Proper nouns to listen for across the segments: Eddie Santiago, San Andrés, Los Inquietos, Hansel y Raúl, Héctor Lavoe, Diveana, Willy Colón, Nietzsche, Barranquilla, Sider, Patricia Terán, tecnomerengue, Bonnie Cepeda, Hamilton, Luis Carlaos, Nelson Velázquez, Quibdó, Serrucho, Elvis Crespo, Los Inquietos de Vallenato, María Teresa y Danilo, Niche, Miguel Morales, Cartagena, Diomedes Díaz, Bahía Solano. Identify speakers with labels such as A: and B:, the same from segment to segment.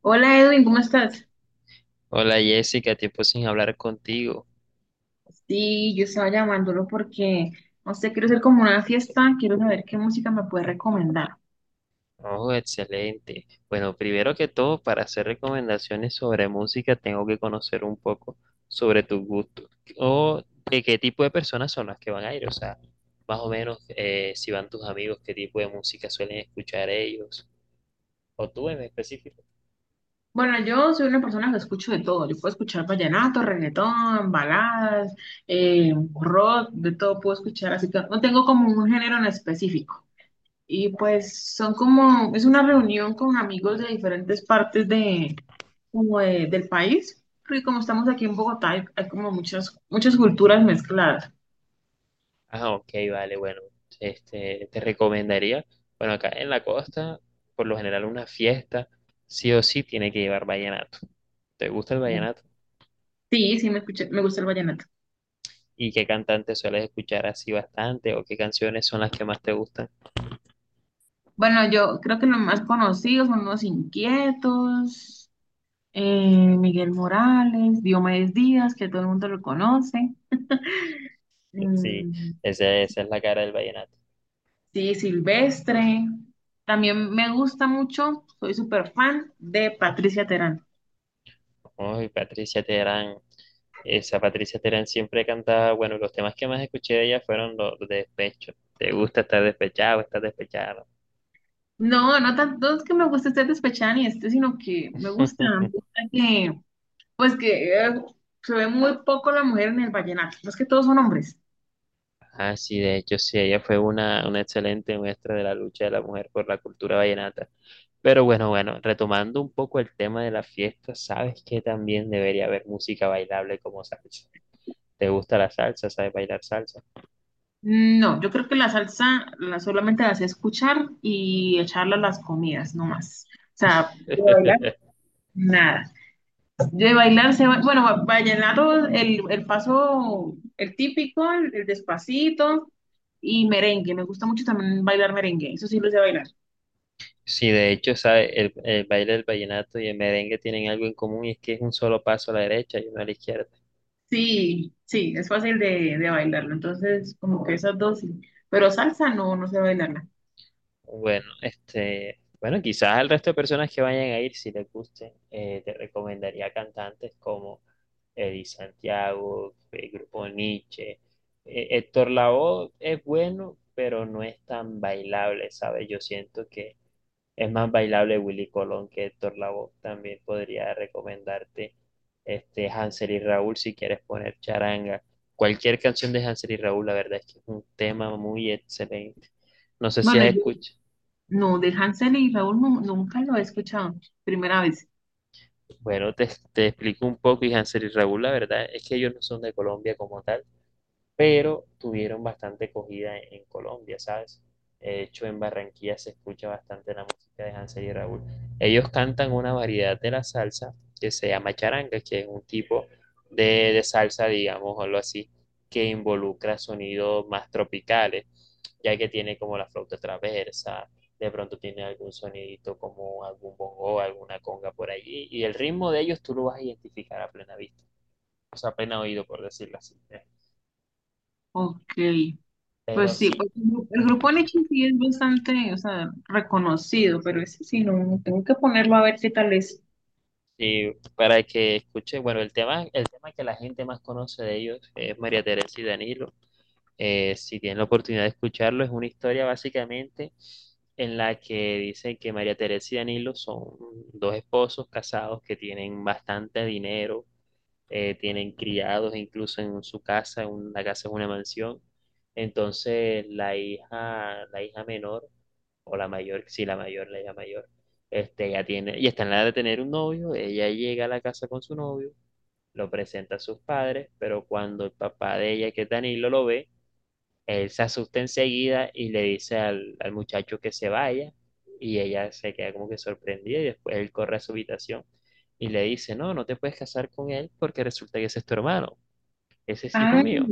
A: Hola Edwin, ¿cómo estás?
B: Hola Jessica, tiempo sin hablar contigo.
A: Sí, yo estaba llamándolo porque, no sé, quiero hacer como una fiesta, quiero saber qué música me puede recomendar.
B: Oh, excelente. Bueno, primero que todo, para hacer recomendaciones sobre música, tengo que conocer un poco sobre tus gustos o de qué tipo de personas son las que van a ir. O sea, más o menos si van tus amigos, qué tipo de música suelen escuchar ellos o tú en específico.
A: Bueno, yo soy una persona que escucho de todo, yo puedo escuchar vallenato, reggaetón, baladas, eh, rock, de todo puedo escuchar, así que no tengo como un género en específico. Y pues son como, es una reunión con amigos de diferentes partes de, como del país, porque como estamos aquí en Bogotá, hay como muchas culturas mezcladas.
B: Ah, ok, vale, bueno, este, te recomendaría, bueno, acá en la costa, por lo general una fiesta, sí o sí tiene que llevar vallenato. ¿Te gusta el vallenato?
A: Sí, sí, me escuché, me gusta el vallenato.
B: ¿Y qué cantantes sueles escuchar así bastante o qué canciones son las que más te gustan?
A: Bueno, yo creo que los más conocidos son Los Inquietos, Miguel Morales, Diomedes Díaz, que todo el mundo lo conoce.
B: Sí,
A: mm,
B: esa es la cara del vallenato.
A: sí, Silvestre. También me gusta mucho, soy súper fan de Patricia Terán.
B: Uy, Patricia Terán, esa Patricia Terán siempre cantaba, bueno, los temas que más escuché de ella fueron los de despecho. ¿Te gusta estar despechado, estar despechado?
A: No, no tanto es que me guste este despechada ni este, sino que me gusta que, pues que, se ve muy poco la mujer en el vallenato, no es que todos son hombres.
B: Ah, sí, de hecho, sí, ella fue una excelente muestra de la lucha de la mujer por la cultura vallenata. Pero bueno, bueno, retomando un poco el tema de la fiesta, sabes que también debería haber música bailable como salsa. ¿Te gusta la salsa? ¿Sabes bailar salsa?
A: No, yo creo que la salsa la solamente la sé escuchar y echarla a las comidas, no más. O sea, de bailar, nada. De bailar, se, va- bueno, va- vallenato, el paso, el típico, el despacito y merengue. Me gusta mucho también bailar merengue, eso sí lo sé bailar.
B: Sí, de hecho, ¿sabes? El baile del vallenato y el merengue tienen algo en común y es que es un solo paso a la derecha y uno a la izquierda.
A: Sí, sí, es fácil de bailarlo. Entonces, como que esas dos sí. Pero salsa no, no sé bailarla.
B: Bueno, este, bueno, quizás al resto de personas que vayan a ir, si les guste, te recomendaría cantantes como Eddie Santiago, el grupo Nietzsche. Héctor Lavoe es bueno, pero no es tan bailable, ¿sabes? Yo siento que es más bailable Willy Colón que Héctor Lavoe. También podría recomendarte este Hansel y Raúl si quieres poner charanga. Cualquier canción de Hansel y Raúl, la verdad es que es un tema muy excelente. No sé si
A: Bueno,
B: has
A: yo
B: escuchado.
A: no, de Hansel y Raúl nunca lo he escuchado. Primera vez.
B: Bueno, te explico un poco, y Hansel y Raúl, la verdad es que ellos no son de Colombia como tal pero tuvieron bastante acogida en Colombia, ¿sabes? De hecho, en Barranquilla se escucha bastante la música de Hansel y Raúl. Ellos cantan una variedad de la salsa que se llama charanga, que es un tipo de, de salsa, digamos, o algo así, que involucra sonidos más tropicales, ya que tiene como la flauta traversa, de pronto tiene algún sonidito como algún bongo, alguna conga por allí, y el ritmo de ellos tú lo vas a identificar a plena vista, o sea, a plena oído, por decirlo así.
A: Ok. Pues
B: Pero
A: sí,
B: sí,
A: pues el
B: ajá.
A: grupo Leche sí es bastante, o sea, reconocido, pero ese sí no, no, tengo que ponerlo a ver qué tal es.
B: Y para que escuche, bueno, el tema que la gente más conoce de ellos es María Teresa y Danilo. Si tienen la oportunidad de escucharlo, es una historia básicamente en la que dicen que María Teresa y Danilo son dos esposos casados que tienen bastante dinero, tienen criados incluso en su casa, en una casa es una mansión. Entonces, la hija menor o la mayor, sí, la mayor, la ya mayor, este, ella tiene, y está en la edad de tener un novio, ella llega a la casa con su novio, lo presenta a sus padres, pero cuando el papá de ella, que es Danilo, lo ve, él se asusta enseguida y le dice al muchacho que se vaya, y ella se queda como que sorprendida, y después él corre a su habitación y le dice, no, no te puedes casar con él porque resulta que ese es tu hermano, ese es hijo
A: Ay,
B: mío.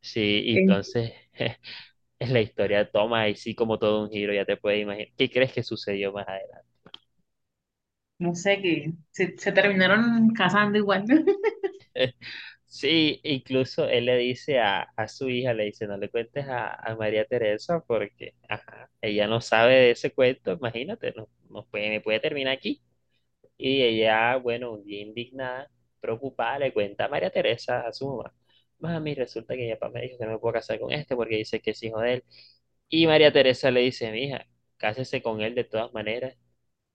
B: Sí, y
A: eh,
B: entonces la historia toma ahí sí como todo un giro, ya te puedes imaginar. ¿Qué crees que sucedió más adelante?
A: no sé, que se terminaron casando igual.
B: Sí, incluso él le dice a su hija, le dice, no le cuentes a María Teresa porque ajá, ella no sabe de ese cuento, imagínate, no, no puede, me puede terminar aquí. Y ella, bueno, un día indignada, preocupada, le cuenta a María Teresa, a su mamá, mami, resulta que mi papá me dijo que no me puedo casar con este porque dice que es hijo de él. Y María Teresa le dice, mija, cásese con él de todas maneras,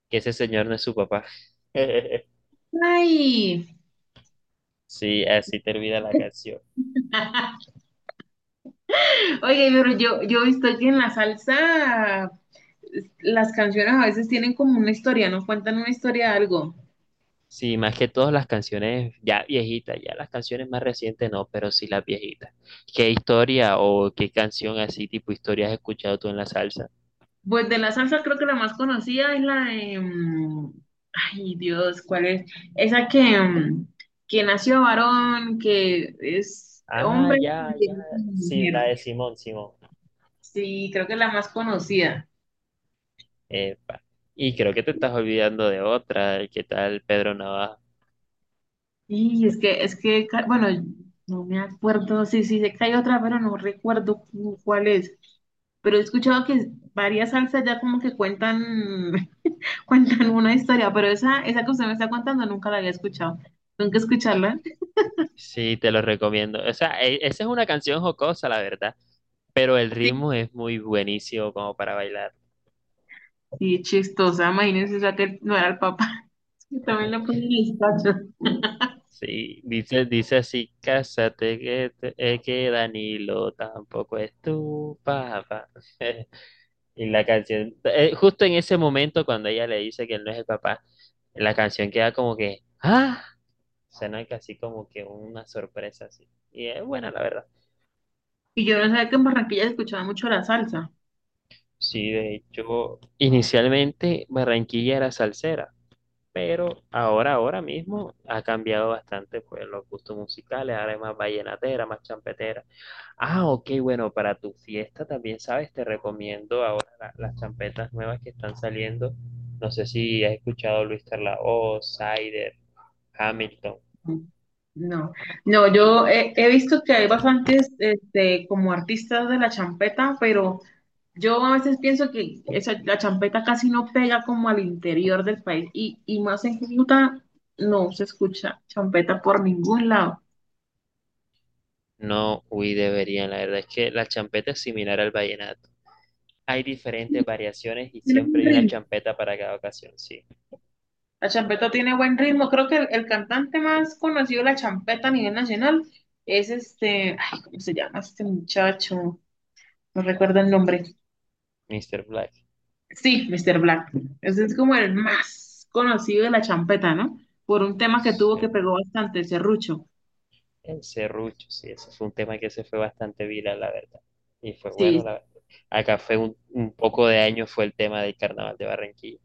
B: que ese señor no es su papá.
A: Ay,
B: Sí, así termina la canción.
A: oye, pero yo he visto que en la salsa las canciones a veces tienen como una historia, no cuentan una historia de algo.
B: Sí, más que todas las canciones ya viejitas, ya las canciones más recientes no, pero sí las viejitas. ¿Qué historia o qué canción así tipo historia has escuchado tú en la salsa?
A: Pues de la salsa creo que la más conocida es la de... Ay, Dios, ¿cuál es? Esa que nació varón, que es
B: Ah,
A: hombre y
B: ya,
A: que
B: ya,
A: es una
B: sí, la
A: mujer.
B: de Simón, Simón.
A: Sí, creo que es la más conocida.
B: Epa. Y creo que te estás olvidando de otra, ¿qué tal Pedro Navaja?
A: Y es que, bueno, no me acuerdo, sí, sí, sé que hay otra, pero no recuerdo cuál es. Pero he escuchado que varias salsas ya como que cuentan, cuentan una historia, pero esa que usted me está contando nunca la había escuchado. Nunca escucharla.
B: Sí, te lo recomiendo. O sea, esa es una canción jocosa, la verdad, pero el ritmo es muy buenísimo como para bailar.
A: Sí, chistosa, imagínense, o sea, que no era el papá, que también le ponen el tacho.
B: Sí, dice, dice así, cásate que, es que Danilo tampoco es tu papá. Y la canción, justo en ese momento cuando ella le dice que él no es el papá, la canción queda como que, ¡ah! Suena casi como que una sorpresa así. Y es buena, la verdad.
A: Y yo no sabía que en Barranquilla se escuchaba mucho la salsa.
B: Sí, de hecho, inicialmente Barranquilla era salsera. Pero ahora, ahora mismo ha cambiado bastante pues los gustos musicales, ahora es más vallenatera, más champetera. Ah, ok, bueno, para tu fiesta también, ¿sabes? Te recomiendo ahora las champetas nuevas que están saliendo. No sé si has escuchado Luis Carlaos, Sider, Hamilton.
A: No, no, yo he, he visto que hay bastantes este, como artistas de la champeta, pero yo a veces pienso que esa, la champeta casi no pega como al interior del país y más en Cúcuta no se escucha champeta por ningún lado.
B: No, uy, deberían, la verdad es que la champeta es similar al vallenato. Hay diferentes variaciones y
A: Tiene un
B: siempre hay una
A: ritmo.
B: champeta para cada ocasión, sí.
A: La champeta tiene buen ritmo. Creo que el cantante más conocido de la champeta a nivel nacional es este, ay, ¿cómo se llama este muchacho? No recuerdo el nombre.
B: Mr. Black.
A: Sí, Mr. Black. Ese es como el más conocido de la champeta, ¿no? Por un tema que tuvo que
B: Sí.
A: pegó bastante, Serrucho.
B: El serrucho, sí, ese fue un tema que se fue bastante viral, la verdad. Y fue bueno, la verdad. Acá fue un poco de año, fue el tema del carnaval de Barranquilla.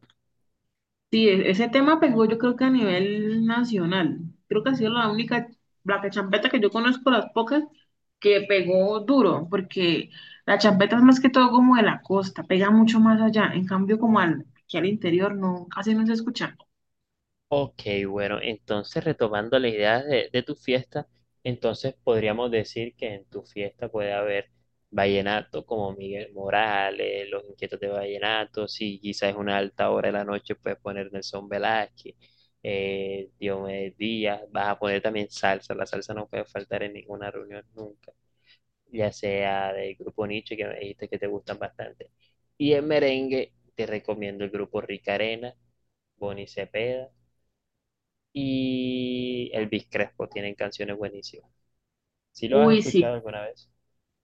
A: Sí, ese tema pegó yo creo que a nivel nacional. Creo que ha sido la única, la que champeta que yo conozco, las pocas, que pegó duro, porque la champeta es más que todo como de la costa, pega mucho más allá. En cambio, como al, aquí al interior, no, casi no se escucha.
B: Ok, bueno, entonces retomando las ideas de tu fiesta, entonces podríamos decir que en tu fiesta puede haber vallenato como Miguel Morales, Los Inquietos de Vallenato, si quizás es una alta hora de la noche, puedes poner Nelson Velázquez, Diomedes Díaz, vas a poner también salsa, la salsa no puede faltar en ninguna reunión nunca. Ya sea del grupo Niche, que me dijiste que te gustan bastante. Y en merengue te recomiendo el grupo Rica Arena, Bonnie Cepeda y Elvis Crespo, tienen canciones buenísimas. ¿Si lo has
A: Uy, sí,
B: escuchado alguna vez?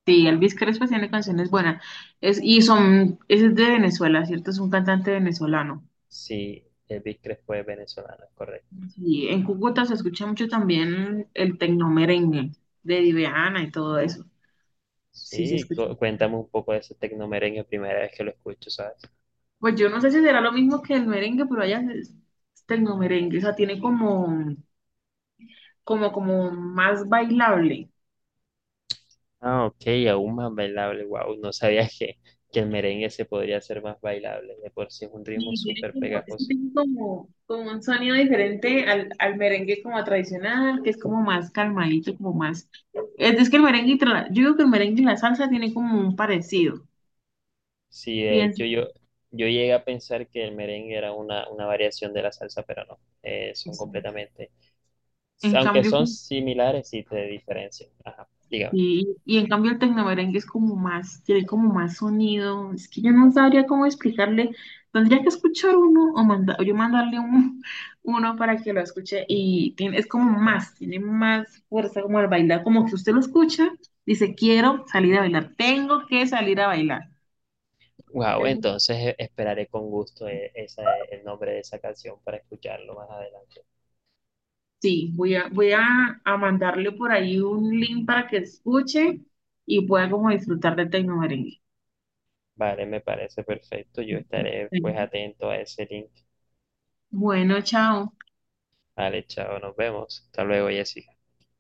A: sí, Elvis Crespo tiene canciones buenas. Es, y son, ese es de Venezuela, ¿cierto? Es un cantante venezolano.
B: Sí, Elvis Crespo es venezolano, es correcto.
A: Sí, en Cúcuta se escucha mucho también el tecno merengue de Diveana y todo eso. Sí, se
B: Sí,
A: escucha.
B: cuéntame un poco de ese tecnomerengue, primera vez que lo escucho, ¿sabes?
A: Pues yo no sé si será lo mismo que el merengue, pero allá es tecnomerengue, o sea, tiene como, como, como más bailable.
B: Ah, ok, aún más bailable, wow, no sabía que el merengue se podría hacer más bailable, de por sí es un ritmo
A: Y tiene
B: súper
A: como, es que
B: pegajoso.
A: tiene como, como un sonido diferente al, al merengue como tradicional, que es como más calmadito, como más... es que el merengue, y yo digo que el merengue y la salsa tienen como un parecido,
B: Sí, de
A: pienso.
B: hecho yo, yo llegué a pensar que el merengue era una variación de la salsa, pero no, son completamente,
A: En
B: aunque
A: cambio,
B: son similares, sí te diferencian. Ajá, dígame.
A: sí, y en cambio el tecnomerengue es como más, tiene como más sonido. Es que yo no sabría cómo explicarle. Tendría que escuchar uno o o yo mandarle uno para que lo escuche. Y tiene, es como más, tiene más fuerza como al bailar. Como que usted lo escucha, dice, quiero salir a bailar, tengo que salir a bailar.
B: Wow,
A: Entonces,
B: entonces esperaré con gusto esa, el nombre de esa canción para escucharlo más adelante.
A: sí, voy a, voy a mandarle por ahí un link para que escuche y pueda como disfrutar del tecnomerengue.
B: Vale, me parece perfecto. Yo estaré pues
A: Sí.
B: atento a ese link.
A: Bueno, chao.
B: Vale, chao, nos vemos. Hasta luego, Jessica.